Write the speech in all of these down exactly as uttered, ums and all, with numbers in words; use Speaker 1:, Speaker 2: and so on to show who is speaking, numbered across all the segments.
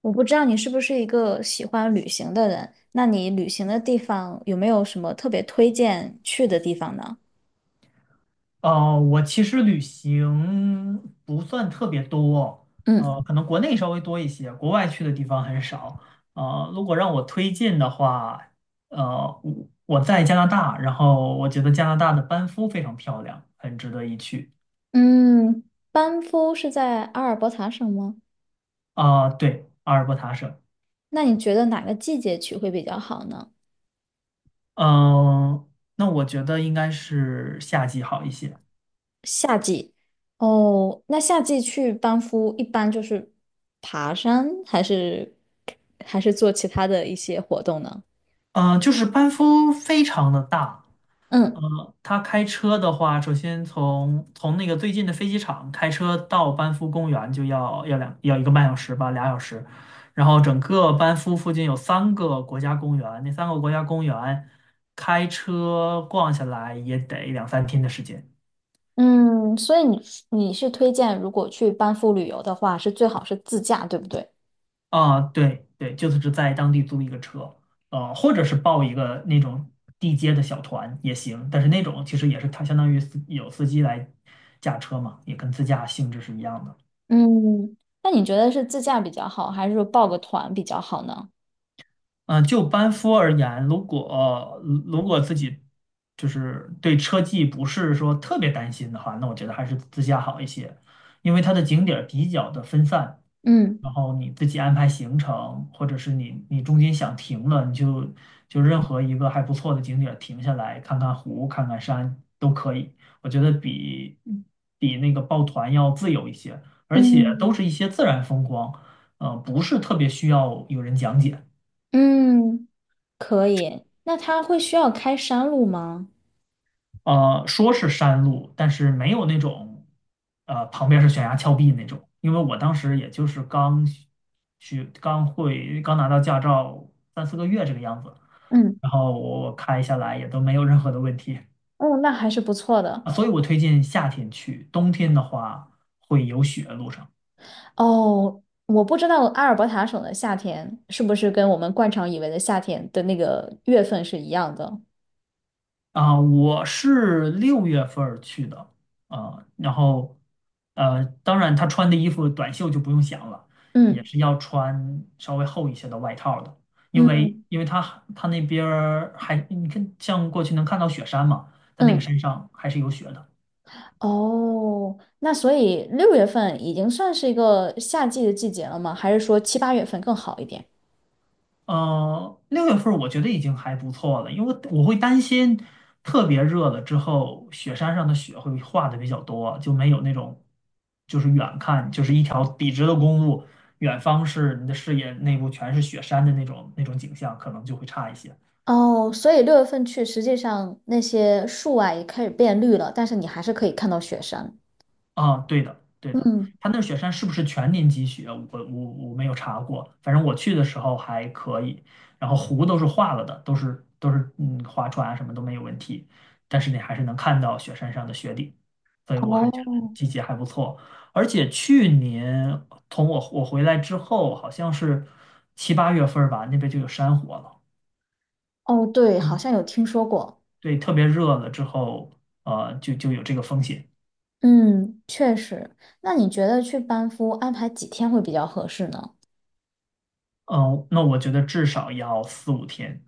Speaker 1: 我不知道你是不是一个喜欢旅行的人，那你旅行的地方有没有什么特别推荐去的地方呢？
Speaker 2: 呃，我其实旅行不算特别多，
Speaker 1: 嗯
Speaker 2: 呃，可能国内稍微多一些，国外去的地方很少。呃，如果让我推荐的话，呃，我我在加拿大，然后我觉得加拿大的班夫非常漂亮，很值得一去。
Speaker 1: 嗯，班夫是在阿尔伯塔省吗？
Speaker 2: 啊、对，阿尔伯塔省。
Speaker 1: 那你觉得哪个季节去会比较好呢？
Speaker 2: 嗯、那我觉得应该是夏季好一些。
Speaker 1: 夏季。哦，那夏季去班夫一般就是爬山，还是还是做其他的一些活动呢？
Speaker 2: 呃，就是班夫非常的大。
Speaker 1: 嗯
Speaker 2: 呃，他开车的话，首先从从那个最近的飞机场开车到班夫公园就要要两要一个半小时吧，俩小时。然后整个班夫附近有三个国家公园，那三个国家公园开车逛下来也得两三天的时间。
Speaker 1: 嗯，所以你你是推荐如果去班夫旅游的话，是最好是自驾，对不对？
Speaker 2: 啊，对对，就是只在当地租一个车。呃，或者是报一个那种地接的小团也行，但是那种其实也是它相当于司有司机来驾车嘛，也跟自驾性质是一样的。
Speaker 1: 嗯，那你觉得是自驾比较好，还是说报个团比较好呢？
Speaker 2: 嗯，呃就班夫而言，如果如果自己就是对车技不是说特别担心的话，那我觉得还是自驾好一些，因为它的景点儿比较的分散。
Speaker 1: 嗯
Speaker 2: 然后你自己安排行程，或者是你你中间想停了，你就就任何一个还不错的景点儿停下来看看湖、看看山都可以。我觉得比比那个抱团要自由一些，而且都是
Speaker 1: 嗯
Speaker 2: 一些自然风光。呃，不是特别需要有人讲解。
Speaker 1: 嗯，可以。那他会需要开山路吗？
Speaker 2: 呃，说是山路，但是没有那种，呃，旁边是悬崖峭壁那种。因为我当时也就是刚学、刚会、刚拿到驾照三四个月这个样子，
Speaker 1: 嗯，
Speaker 2: 然后我开下来也都没有任何的问题。
Speaker 1: 哦，那还是不错的。
Speaker 2: 啊，所以我推荐夏天去，冬天的话会有雪路上。
Speaker 1: 哦，我不知道阿尔伯塔省的夏天是不是跟我们惯常以为的夏天的那个月份是一样的。
Speaker 2: 啊，我是六月份儿去的啊。然后呃，当然他穿的衣服短袖就不用想了，也
Speaker 1: 嗯
Speaker 2: 是要穿稍微厚一些的外套的，因为
Speaker 1: 嗯
Speaker 2: 因为他他那边儿还你看像过去能看到雪山嘛，他那个
Speaker 1: 嗯，
Speaker 2: 山上还是有雪的。
Speaker 1: 哦，那所以六月份已经算是一个夏季的季节了吗？还是说七八月份更好一点？
Speaker 2: 呃，六月份儿我觉得已经还不错了，因为我会担心特别热了之后，雪山上的雪会化的比较多，就没有那种就是远看就是一条笔直的公路，远方是你的视野内部全是雪山的那种那种景象，可能就会差一些。
Speaker 1: 哦，所以六月份去，实际上那些树啊也开始变绿了，但是你还是可以看到雪山。
Speaker 2: 啊，对的，对的。
Speaker 1: 嗯，
Speaker 2: 它那雪山是不是全年积雪？我我我没有查过，反正我去的时候还可以。然后湖都是化了的，都是都是嗯划船啊什么都没有问题，但是你还是能看到雪山上的雪顶，所以我还觉
Speaker 1: 哦，
Speaker 2: 得季节还不错。而且去年从我我回来之后，好像是七八月份儿吧，那边就有山火了。
Speaker 1: 哦，对，好像
Speaker 2: 嗯，
Speaker 1: 有听说过。
Speaker 2: 对，特别热了之后，呃，就就有这个风险。
Speaker 1: 嗯，确实。那你觉得去班夫安排几天会比较合适呢？
Speaker 2: 嗯，那我觉得至少要四五天。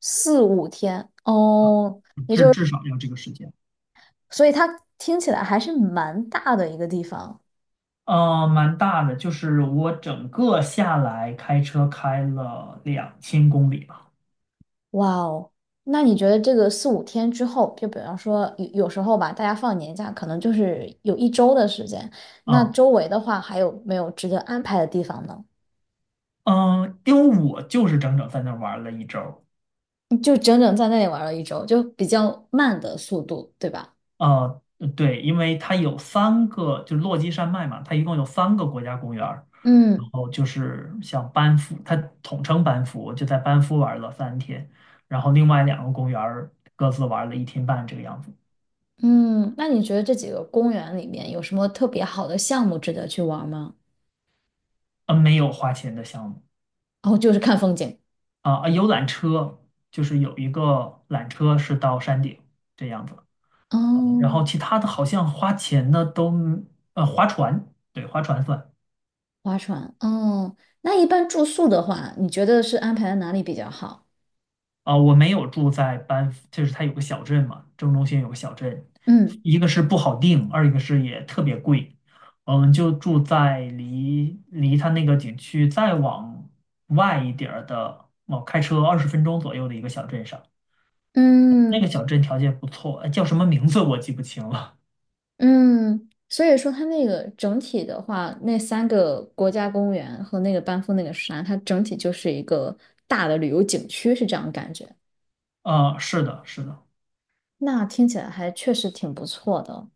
Speaker 1: 四五天。哦，也就
Speaker 2: 至
Speaker 1: 是，
Speaker 2: 至少要这个时间。
Speaker 1: 所以它听起来还是蛮大的一个地方。
Speaker 2: 呃，蛮大的，就是我整个下来开车开了两千公里吧。
Speaker 1: 哇哦，那你觉得这个四五天之后，就比方说有有时候吧，大家放年假可能就是有一周的时间，那
Speaker 2: 啊，
Speaker 1: 周围的话还有没有值得安排的地方呢？
Speaker 2: 嗯，因为我就是整整在那儿玩了一周。
Speaker 1: 你就整整在那里玩了一周，就比较慢的速度，对吧？
Speaker 2: 呃，对，因为它有三个，就是落基山脉嘛，它一共有三个国家公园儿。然
Speaker 1: 嗯
Speaker 2: 后就是像班夫，它统称班夫，我就在班夫玩了三天，然后另外两个公园儿各自玩了一天半这个样子。
Speaker 1: 嗯，那你觉得这几个公园里面有什么特别好的项目值得去玩吗？
Speaker 2: 呃，没有花钱的项目。
Speaker 1: 哦，就是看风景。
Speaker 2: 啊、啊有缆车，就是有一个缆车是到山顶这样子。啊，然
Speaker 1: 哦，
Speaker 2: 后其他的好像花钱的都呃划船。对，划船算。
Speaker 1: 划船。哦，那一般住宿的话，你觉得是安排在哪里比较好？
Speaker 2: 啊、我没有住在班夫，就是它有个小镇嘛，正中心有个小镇。
Speaker 1: 嗯。
Speaker 2: 一个是不好定，二一个是也特别贵。呃我们就住在离离它那个景区再往外一点儿的，哦，开车二十分钟左右的一个小镇上。那
Speaker 1: 嗯，
Speaker 2: 个小镇条件不错，呃叫什么名字我记不清了。
Speaker 1: 嗯，所以说它那个整体的话，那三个国家公园和那个班夫那个山，它整体就是一个大的旅游景区，是这样感觉。
Speaker 2: 啊，是的，是的。
Speaker 1: 那听起来还确实挺不错的。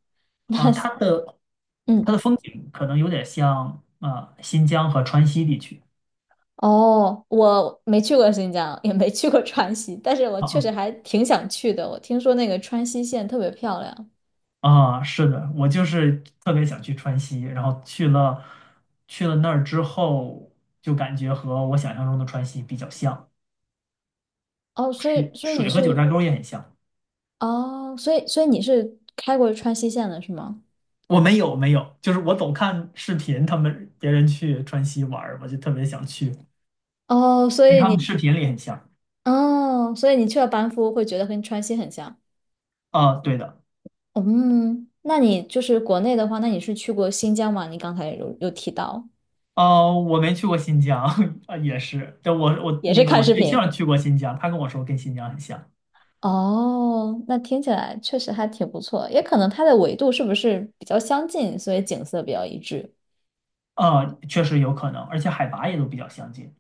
Speaker 2: 啊、它的它的
Speaker 1: 嗯，
Speaker 2: 风景可能有点像啊、新疆和川西地区。
Speaker 1: 哦，我没去过新疆，也没去过川西，但是我确
Speaker 2: 啊
Speaker 1: 实还挺想去的。我听说那个川西线特别漂亮。
Speaker 2: 啊，啊，是的，我就是特别想去川西，然后去了去了那儿之后，就感觉和我想象中的川西比较像。
Speaker 1: 哦，所以
Speaker 2: 水
Speaker 1: 所以你
Speaker 2: 水和九
Speaker 1: 是
Speaker 2: 寨沟也很像。
Speaker 1: 哦，所以所以你是开过川西线的是吗？
Speaker 2: 我没有没有，就是我总看视频，他们别人去川西玩儿，我就特别想去，
Speaker 1: 哦，所
Speaker 2: 跟
Speaker 1: 以
Speaker 2: 他们
Speaker 1: 你
Speaker 2: 视频里很像。
Speaker 1: 哦，所以你去了班夫会觉得跟川西很像。
Speaker 2: 啊、对的。
Speaker 1: 嗯，那你就是国内的话，那你是去过新疆吗？你刚才有有提到，
Speaker 2: 呃，我没去过新疆，啊，也是。但我我
Speaker 1: 也
Speaker 2: 那
Speaker 1: 是
Speaker 2: 个
Speaker 1: 看
Speaker 2: 我
Speaker 1: 视
Speaker 2: 对
Speaker 1: 频。
Speaker 2: 象去过新疆，他跟我说跟新疆很像。
Speaker 1: 哦，那听起来确实还挺不错，也可能它的纬度是不是比较相近，所以景色比较一致。
Speaker 2: 啊，确实有可能，而且海拔也都比较相近。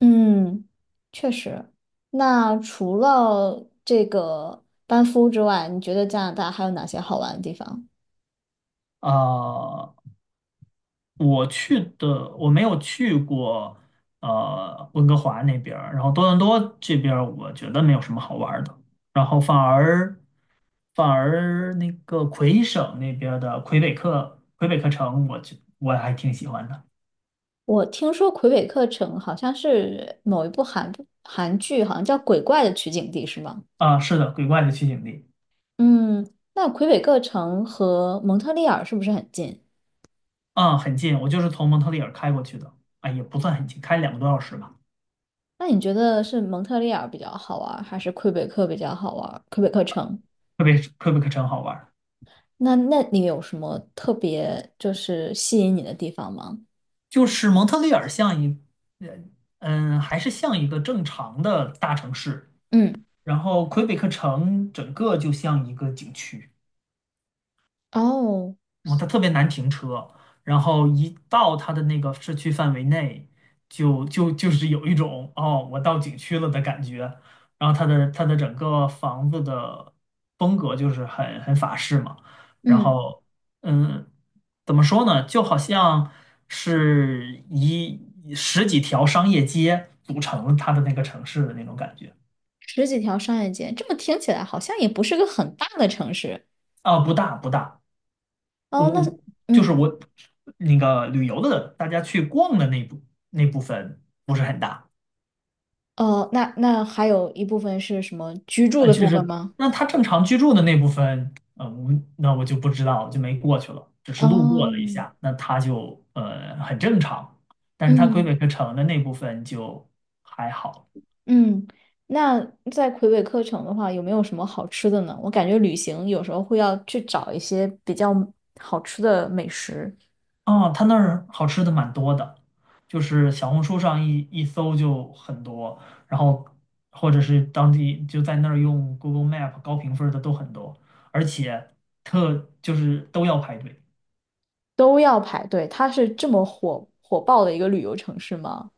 Speaker 1: 嗯，确实。那除了这个班夫之外，你觉得加拿大还有哪些好玩的地方？
Speaker 2: 啊，我去的我没有去过，呃，温哥华那边儿然后多伦多这边儿我觉得没有什么好玩儿的。然后反而反而那个魁省那边儿的魁北克魁北克城，我去我还挺喜欢的。
Speaker 1: 我听说魁北克城好像是某一部韩韩剧，好像叫《鬼怪》的取景地，是吗？
Speaker 2: 啊，是的，鬼怪的取景地。
Speaker 1: 嗯，那魁北克城和蒙特利尔是不是很近？
Speaker 2: 嗯，很近，我就是从蒙特利尔开过去的。啊，也不算很近，开两个多小时吧。
Speaker 1: 那你觉得是蒙特利尔比较好玩儿还是魁北克比较好玩儿魁北克城，
Speaker 2: 魁北魁北克城好玩儿。
Speaker 1: 那那你有什么特别就是吸引你的地方吗？
Speaker 2: 就是蒙特利尔像一，呃嗯，还是像一个正常的大城市，
Speaker 1: 嗯，
Speaker 2: 然后魁北克城整个就像一个景区。
Speaker 1: 哦，
Speaker 2: 嗯，它特别难停车。然后一到它的那个市区范围内，就就就是有一种哦，我到景区了的感觉。然后它的它的整个房子的风格就是很很法式嘛。然
Speaker 1: 嗯，
Speaker 2: 后嗯，怎么说呢，就好像是一十几条商业街组成它的那个城市的那种感觉。
Speaker 1: 十几条商业街，这么听起来好像也不是个很大的城市。
Speaker 2: 啊，不大不大。我
Speaker 1: 哦，那
Speaker 2: 我就是
Speaker 1: 嗯。
Speaker 2: 我那个旅游的大家去逛的那部那部分不是很大。
Speaker 1: 哦，那那还有一部分是什么居住
Speaker 2: 啊，
Speaker 1: 的
Speaker 2: 就
Speaker 1: 部分
Speaker 2: 是
Speaker 1: 吗？
Speaker 2: 那他正常居住的那部分。呃，我那我就不知道，就没过去了，只是路过
Speaker 1: 哦，
Speaker 2: 了一下，那他就呃很正常，但是他魁北
Speaker 1: 嗯
Speaker 2: 克城的那部分就还好。
Speaker 1: 嗯，那在魁北克城的话，有没有什么好吃的呢？我感觉旅行有时候会要去找一些比较好吃的美食，
Speaker 2: 哦，他那儿好吃的蛮多的，就是小红书上一一搜就很多。然后或者是当地就在那儿用 Google Map 高评分儿的都很多，而且特就是都要排队。
Speaker 1: 都要排队。它是这么火火爆的一个旅游城市吗？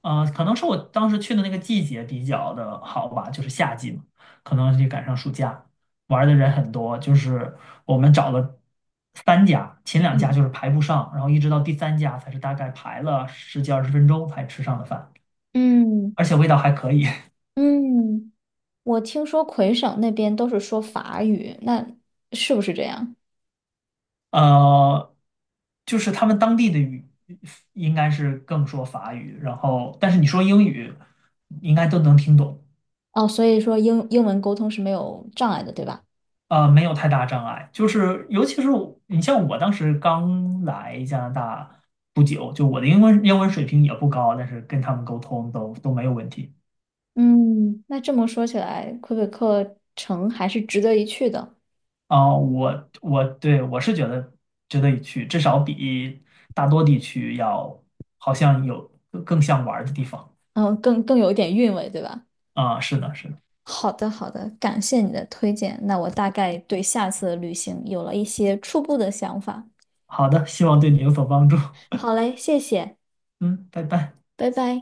Speaker 2: 啊、可能是我当时去的那个季节比较的好吧，就是夏季嘛，可能就赶上暑假，玩儿的人很多。就是我们找了三家，前两家
Speaker 1: 嗯
Speaker 2: 就是排不上，然后一直到第三家才是大概排了十几二十分钟才吃上的饭，
Speaker 1: 嗯
Speaker 2: 而且味道还可以。
Speaker 1: 嗯，我听说魁省那边都是说法语，那是不是这样？
Speaker 2: 呃，就是他们当地的语应该是更说法语，然后但是你说英语应该都能听懂。
Speaker 1: 哦，所以说英英文沟通是没有障碍的，对吧？
Speaker 2: 呃，没有太大障碍。就是尤其是我你像我当时刚来加拿大不久，就我的英文英文水平也不高，但是跟他们沟通都都没有问题。
Speaker 1: 嗯，那这么说起来，魁北克城还是值得一去的，
Speaker 2: 啊、我我对我是觉得值得一去，至少比大多地区要好像有更更像玩儿的地方。
Speaker 1: 嗯，更更有一点韵味，对吧？
Speaker 2: 啊、是的，是的。
Speaker 1: 好的，好的，感谢你的推荐，那我大概对下次的旅行有了一些初步的想法。
Speaker 2: 好的，希望对你有所帮助。
Speaker 1: 好嘞，谢谢，
Speaker 2: 嗯，拜拜。
Speaker 1: 拜拜。